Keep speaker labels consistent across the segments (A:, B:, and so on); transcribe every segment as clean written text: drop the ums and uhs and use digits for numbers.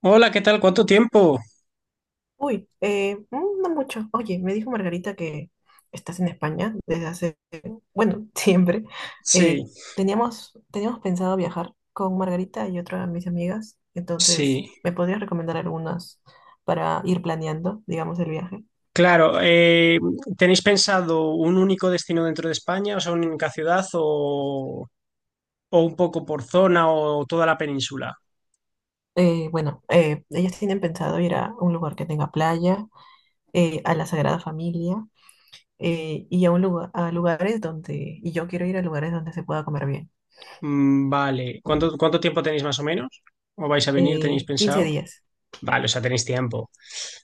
A: Hola, ¿qué tal? ¿Cuánto tiempo?
B: No mucho. Oye, me dijo Margarita que estás en España desde hace, bueno, siempre.
A: Sí,
B: Eh, teníamos pensado viajar con Margarita y otra de mis amigas, entonces,
A: sí.
B: ¿me podrías recomendar algunas para ir planeando, digamos, el viaje?
A: Claro, ¿tenéis pensado un único destino dentro de España, o sea, una única ciudad o un poco por zona o toda la península?
B: Bueno, Ellas tienen pensado ir a un lugar que tenga playa, a la Sagrada Familia a lugares y yo quiero ir a lugares donde se pueda comer bien.
A: Mm, vale, ¿cuánto tiempo tenéis más o menos? ¿O vais a venir? ¿Tenéis
B: 15
A: pensado?
B: días.
A: Vale, o sea, tenéis tiempo.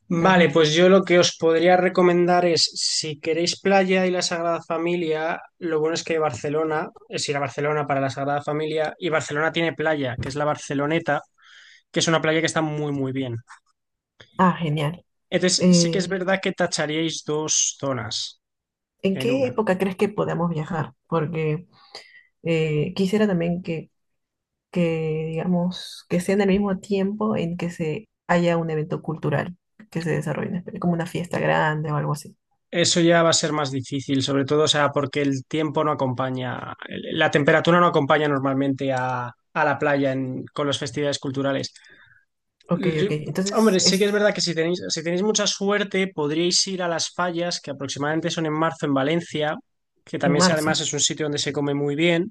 A: Vale,
B: Ujú.
A: pues yo lo que os podría recomendar es, si queréis playa y la Sagrada Familia, lo bueno es que Barcelona, es ir a Barcelona para la Sagrada Familia, y Barcelona tiene playa, que es la Barceloneta, que es una playa que está muy, muy bien.
B: Ah, genial.
A: Entonces, sí que
B: Eh,
A: es verdad que tacharíais dos zonas
B: ¿En
A: en
B: qué
A: una.
B: época crees que podamos viajar? Porque quisiera también que, digamos, que sea en el mismo tiempo en que se haya un evento cultural que se desarrolle, como una fiesta grande o algo así.
A: Eso ya va a ser más difícil, sobre todo, o sea, porque el tiempo no acompaña, la temperatura no acompaña normalmente a la playa con las festividades culturales.
B: Ok,
A: Yo-
B: ok. Entonces
A: Hombre, sí que es verdad
B: es
A: que si tenéis mucha suerte, podríais ir a las Fallas, que aproximadamente son en marzo en Valencia, que
B: en
A: también además
B: marzo.
A: es un sitio donde se come muy bien.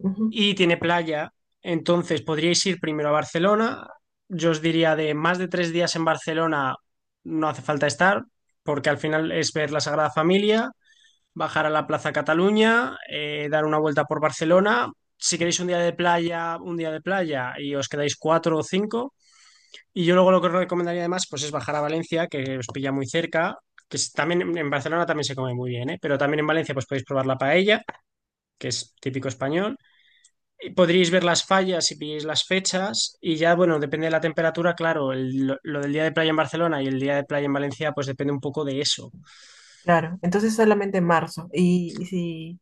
B: Ujú.
A: Y tiene playa. Entonces podríais ir primero a Barcelona. Yo os diría de más de 3 días en Barcelona no hace falta estar, porque al final es ver la Sagrada Familia, bajar a la Plaza Cataluña, dar una vuelta por Barcelona. Si queréis un día de playa, un día de playa y os quedáis cuatro o cinco. Y yo luego lo que os recomendaría además pues es bajar a Valencia, que os pilla muy cerca, también en Barcelona también se come muy bien, ¿eh? Pero también en Valencia pues podéis probar la paella, que es típico español y podríais ver las fallas y pilláis las fechas y ya, bueno, depende de la temperatura, claro, lo del día de playa en Barcelona y el día de playa en Valencia, pues depende un poco de eso.
B: Claro, entonces solamente en marzo. Y si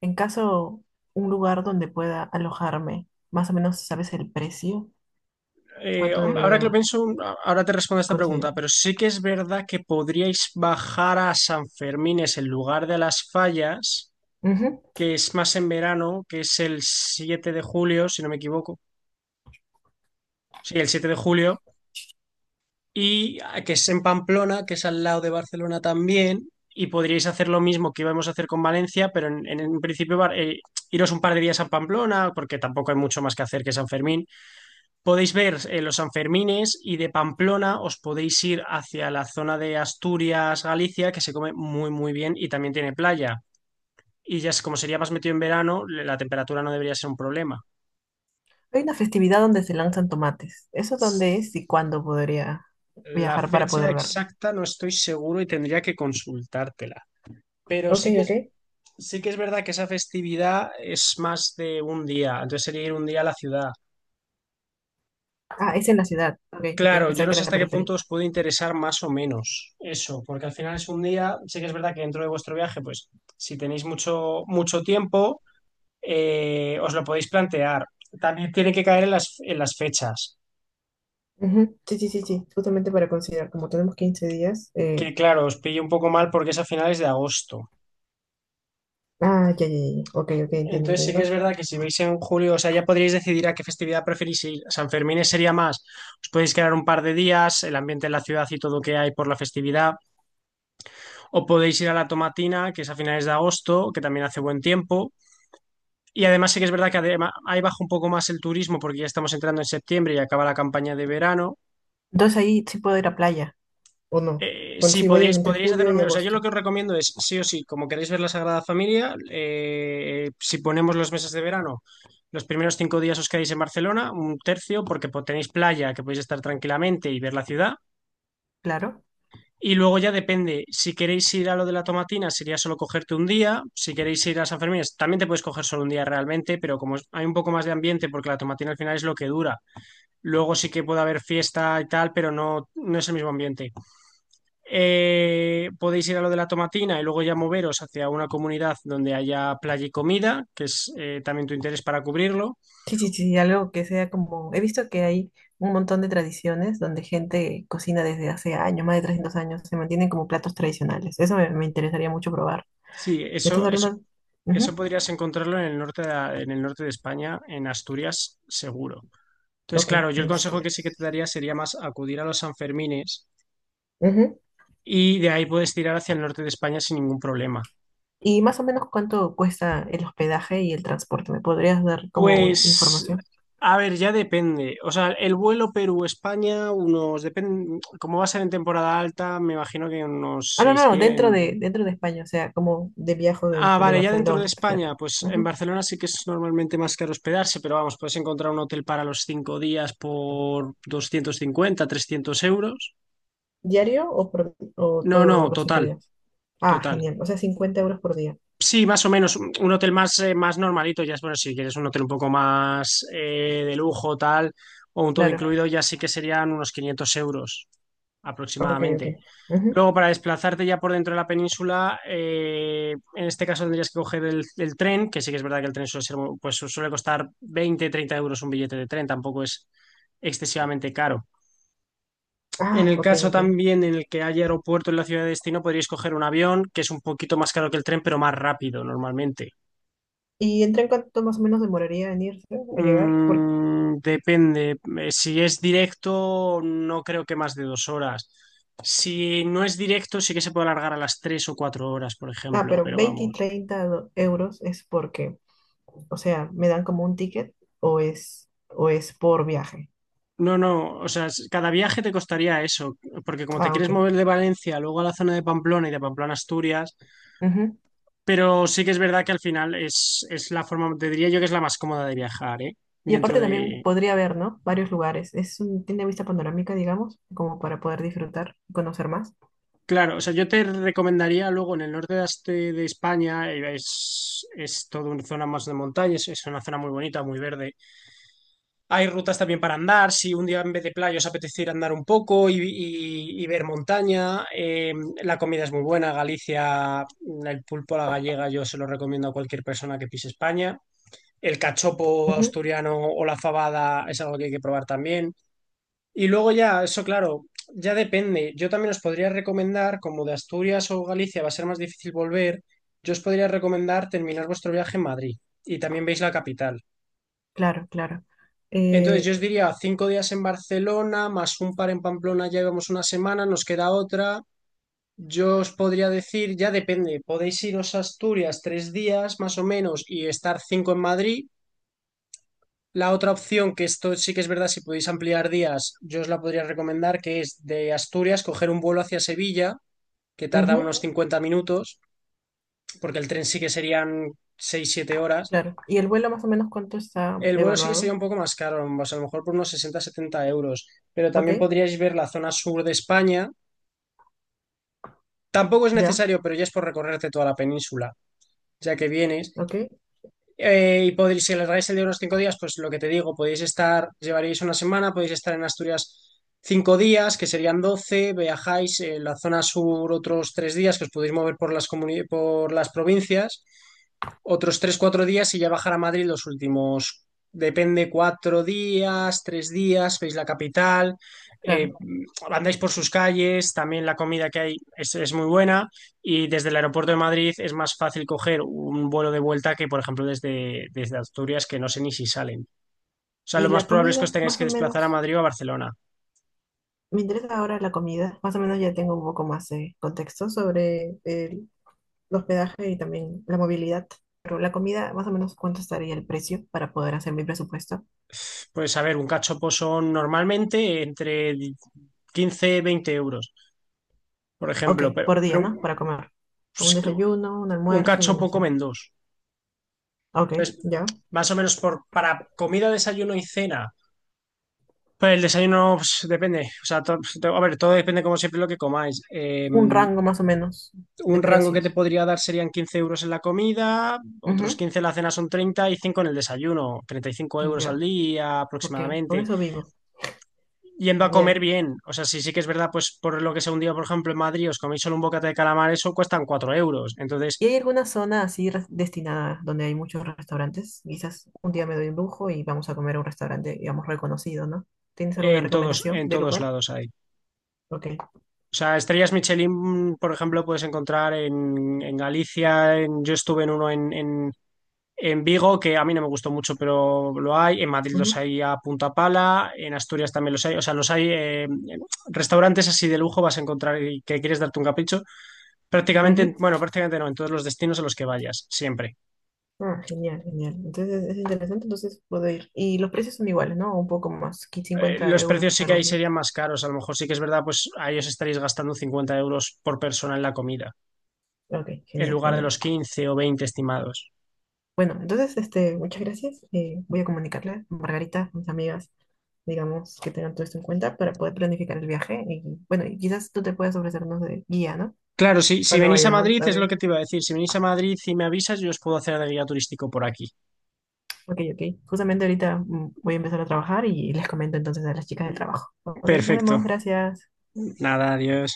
B: En caso, Un lugar donde pueda alojarme, más o menos sabes el precio, cuánto
A: Ahora que lo
B: debería
A: pienso, ahora te respondo a esta pregunta,
B: considerar.
A: pero sí que es verdad que podríais bajar a San Fermines en lugar de las fallas,
B: Ujú.
A: que es más en verano, que es el 7 de julio, si no me equivoco. Sí, el 7 de julio. Y que es en Pamplona, que es al lado de Barcelona también, y podríais hacer lo mismo que íbamos a hacer con Valencia, pero iros un par de días a Pamplona, porque tampoco hay mucho más que hacer que San Fermín. Podéis ver los Sanfermines y de Pamplona os podéis ir hacia la zona de Asturias, Galicia, que se come muy, muy bien y también tiene playa. Y ya como sería más metido en verano, la temperatura no debería ser un problema.
B: Hay una festividad donde se lanzan tomates. ¿Eso dónde es y cuándo podría
A: La
B: viajar para
A: fecha
B: poder verlo?
A: exacta no estoy seguro y tendría que consultártela. Pero
B: Ok,
A: sí que es
B: ok.
A: Sí que es verdad que esa festividad es más de un día, entonces sería ir un día a la ciudad.
B: Ah, es en la ciudad. Ok, ok,
A: Claro, yo
B: pensaba
A: no
B: que
A: sé
B: era en la
A: hasta qué
B: periferia.
A: punto os puede interesar más o menos eso, porque al final es un día, sí que es verdad que dentro de vuestro viaje, pues si tenéis mucho, mucho tiempo, os lo podéis plantear. También tiene que caer en las fechas,
B: Ujú. Sí, sí, sí, sí, justamente para considerar, como tenemos 15 días,
A: que claro, os pille un poco mal porque es a finales de agosto.
B: ah, ya, ya, ya, ya, ok, ok, entiendo,
A: Entonces sí que es
B: entiendo.
A: verdad que si veis en julio, o sea, ya podríais decidir a qué festividad preferís ir. San Fermín sería más, os podéis quedar un par de días, el ambiente en la ciudad y todo que hay por la festividad, o podéis ir a la Tomatina, que es a finales de agosto, que también hace buen tiempo. Y además sí que es verdad que ahí baja un poco más el turismo porque ya estamos entrando en septiembre y acaba la campaña de verano.
B: Entonces ahí sí puedo ir a playa, o no,
A: Eh,
B: con
A: sí,
B: si voy
A: podríais,
B: entre
A: podríais
B: julio
A: hacerlo.
B: y
A: O sea, yo lo
B: agosto,
A: que os recomiendo es, sí o sí, como queréis ver la Sagrada Familia, si ponemos los meses de verano, los primeros 5 días os quedáis en Barcelona, un tercio, porque tenéis playa, que podéis estar tranquilamente y ver la ciudad.
B: claro.
A: Y luego ya depende, si queréis ir a lo de la Tomatina, sería solo cogerte un día. Si queréis ir a San Fermín, también te puedes coger solo un día realmente, pero como hay un poco más de ambiente, porque la Tomatina al final es lo que dura. Luego sí que puede haber fiesta y tal, pero no, no es el mismo ambiente. Podéis ir a lo de la tomatina y luego ya moveros hacia una comunidad donde haya playa y comida, que es también tu interés para cubrirlo.
B: Sí, sí, sí, algo que sea como... He visto que hay un montón de tradiciones donde gente cocina desde hace años, más de 300 años, se mantienen como platos tradicionales. Eso me interesaría mucho probar.
A: Sí,
B: ¿Me estás
A: eso, eso,
B: hablando?
A: eso
B: Ujú.
A: podrías encontrarlo en el norte en el norte de España, en Asturias, seguro. Entonces,
B: Ok,
A: claro, yo el
B: entonces tú
A: consejo que sí que
B: eres.
A: te daría sería más acudir a los Sanfermines
B: Ujú.
A: y de ahí puedes tirar hacia el norte de España sin ningún problema.
B: ¿Y más o menos cuánto cuesta el hospedaje y el transporte? ¿Me podrías dar como
A: Pues,
B: información?
A: a ver, ya depende. O sea, el vuelo Perú-España, unos, depende, como va a ser en temporada alta, me imagino que unos
B: Ah, no, no, no,
A: 600.
B: dentro de España, o sea, como de viaje
A: Ah,
B: de
A: vale, ya dentro de
B: Barcelona, claro.
A: España, pues en
B: Ujú.
A: Barcelona sí que es normalmente más caro hospedarse, pero vamos, puedes encontrar un hotel para los 5 días por 250, 300 euros.
B: ¿Diario o, o
A: No,
B: todos
A: no,
B: los cinco
A: total,
B: días? Ah,
A: total.
B: genial, o sea, 50 euros por día,
A: Sí, más o menos. Un hotel más, más normalito, ya es bueno, si quieres un hotel un poco más de lujo, tal, o un todo
B: claro.
A: incluido, ya sí que serían unos 500 euros
B: Ok, ok.
A: aproximadamente.
B: Ujú.
A: Luego, para desplazarte ya por dentro de la península, en este caso tendrías que coger el tren, que sí que es verdad que el tren suele ser, suele costar 20, 30 euros un billete de tren, tampoco es excesivamente caro. En
B: Ah,
A: el
B: ok,
A: caso
B: ok.
A: también en el que haya aeropuerto en la ciudad de destino, podrías coger un avión, que es un poquito más caro que el tren, pero más rápido normalmente.
B: ¿Y en tren cuánto más o menos demoraría en irse o llegar? Por...
A: Depende. Si es directo, no creo que más de 2 horas. Si no es directo, sí que se puede alargar a las 3 o 4 horas, por
B: Ah,
A: ejemplo,
B: pero
A: pero
B: 20 y
A: vamos.
B: 30 euros es porque, o sea, me dan como un ticket o es por viaje.
A: No, no, o sea, cada viaje te costaría eso, porque como te
B: Ah,
A: quieres
B: ok.
A: mover de Valencia, luego a la zona de Pamplona y de Pamplona a Asturias,
B: Ujú.
A: pero sí que es verdad que al final es, la forma, te diría yo que es la más cómoda de viajar, ¿eh?
B: Y
A: Dentro
B: aparte también
A: de,
B: podría ver, ¿no? Varios lugares. Es un, tiene vista panorámica, digamos, como para poder disfrutar y conocer más.
A: Claro, o sea, yo te recomendaría luego en el norte de España, es toda una zona más de montaña, es una zona muy bonita, muy verde. Hay rutas también para andar, si un día en vez de playa os apetece ir a andar un poco y ver montaña, la comida es muy buena, Galicia, el pulpo a la gallega yo se lo recomiendo a cualquier persona que pise España. El cachopo
B: Ujú.
A: asturiano o la fabada es algo que hay que probar también. Y luego ya, eso claro, ya depende. Yo también os podría recomendar, como de Asturias o Galicia va a ser más difícil volver, yo os podría recomendar terminar vuestro viaje en Madrid y también veis la capital.
B: Claro, claro.
A: Entonces yo
B: Eh,
A: os diría 5 días en Barcelona, más un par en Pamplona, ya llevamos una semana, nos queda otra. Yo os podría decir, ya depende, podéis iros a Asturias 3 días más o menos y estar cinco en Madrid. La otra opción, que esto sí que es verdad, si podéis ampliar días, yo os la podría recomendar, que es de Asturias coger un vuelo hacia Sevilla, que tarda
B: ujú.
A: unos 50 minutos, porque el tren sí que serían seis siete horas.
B: Claro. ¿Y el vuelo más o menos cuánto está
A: El vuelo sí que sería
B: evaluado?
A: un poco más caro, pues a lo mejor por unos 60, 70 euros, pero
B: Ok,
A: también podríais ver la zona sur de España. Tampoco es
B: ya,
A: necesario, pero ya es por recorrerte toda la península, ya que vienes.
B: ok,
A: Y podéis, si alargáis el de unos 5 días, pues lo que te digo, podéis estar, llevaréis una semana, podéis estar en Asturias 5 días, que serían doce, viajáis en la zona sur otros 3 días, que os podéis mover por por las provincias, otros 3, 4 días y ya bajar a Madrid los últimos, depende, 4 días, 3 días, veis la capital, eh,
B: claro.
A: andáis por sus calles, también la comida que hay es muy buena. Y desde el aeropuerto de Madrid es más fácil coger un vuelo de vuelta que, por ejemplo, desde Asturias, que no sé ni si salen. O sea, lo
B: Y
A: más
B: la
A: probable es que os
B: comida,
A: tengáis
B: más
A: que
B: o
A: desplazar a
B: menos.
A: Madrid o a Barcelona.
B: Me interesa ahora la comida. Más o menos ya tengo un poco más de contexto sobre el hospedaje y también la movilidad. Pero la comida, más o menos, ¿cuánto estaría el precio para poder hacer mi presupuesto?
A: Pues a ver, un cachopo son normalmente entre 15, 20 euros, por
B: Ok,
A: ejemplo, pero,
B: por día,
A: pero
B: ¿no? Para comer. Como un
A: pues, que
B: desayuno, un
A: un
B: almuerzo y una
A: cachopo
B: cena.
A: comen dos.
B: Ok,
A: Entonces,
B: ya.
A: más o menos por, para comida, desayuno y cena. Pues el desayuno pues, depende. O sea, a ver, todo depende como siempre lo que comáis.
B: Un rango más o menos de
A: Un rango que te
B: precios.
A: podría dar serían 15 euros en la comida, otros 15 en la cena son 35 en el desayuno, treinta y cinco
B: Ujú,
A: euros al
B: ya,
A: día
B: ok. Con
A: aproximadamente,
B: eso vivo.
A: yendo a comer
B: Bien.
A: bien. O sea, sí, sí que es verdad, pues por lo que sea un día, por ejemplo, en Madrid os coméis solo un bocata de calamar, eso cuestan 4 euros. Entonces,
B: ¿Y hay alguna zona así destinada donde hay muchos restaurantes? Quizás un día me doy un lujo y vamos a comer a un restaurante, digamos, reconocido, ¿no? ¿Tienes alguna
A: en todos,
B: recomendación
A: en
B: de
A: todos
B: lugar?
A: lados hay.
B: Ok.
A: O sea, estrellas Michelin, por ejemplo, puedes encontrar en Galicia, yo estuve en uno en Vigo, que a mí no me gustó mucho, pero lo hay. En Madrid los
B: Ujú,
A: hay a punta pala. En Asturias también los hay. O sea, los hay. Restaurantes así de lujo vas a encontrar y que quieres darte un capricho. Prácticamente,
B: ujú.
A: bueno, prácticamente no, en todos los destinos a los que vayas, siempre.
B: Ah, genial, genial. Entonces es interesante, entonces puedo ir. Y los precios son iguales, ¿no? Un poco más, 50
A: Los
B: euros,
A: precios sí que
B: algo
A: ahí
B: así.
A: serían más caros. A lo mejor sí que es verdad, pues ahí os estaréis gastando 50 euros por persona en la comida,
B: Ok,
A: en
B: genial,
A: lugar de
B: genial.
A: los 15 o 20 estimados.
B: Bueno, entonces, este, muchas gracias. Voy a comunicarle a Margarita, mis amigas, digamos, que tengan todo esto en cuenta para poder planificar el viaje. Y bueno, y quizás tú te puedas ofrecernos de guía, ¿no?
A: Claro, sí, si
B: Cuando
A: venís a
B: vayamos,
A: Madrid, es lo
B: ok,
A: que te iba a decir. Si venís a Madrid y me avisas, yo os puedo hacer de guía turístico por aquí.
B: ok, ok. Justamente ahorita voy a empezar a trabajar y les comento entonces a las chicas del trabajo. Ok, nos
A: Perfecto.
B: vemos, gracias.
A: Nada, adiós.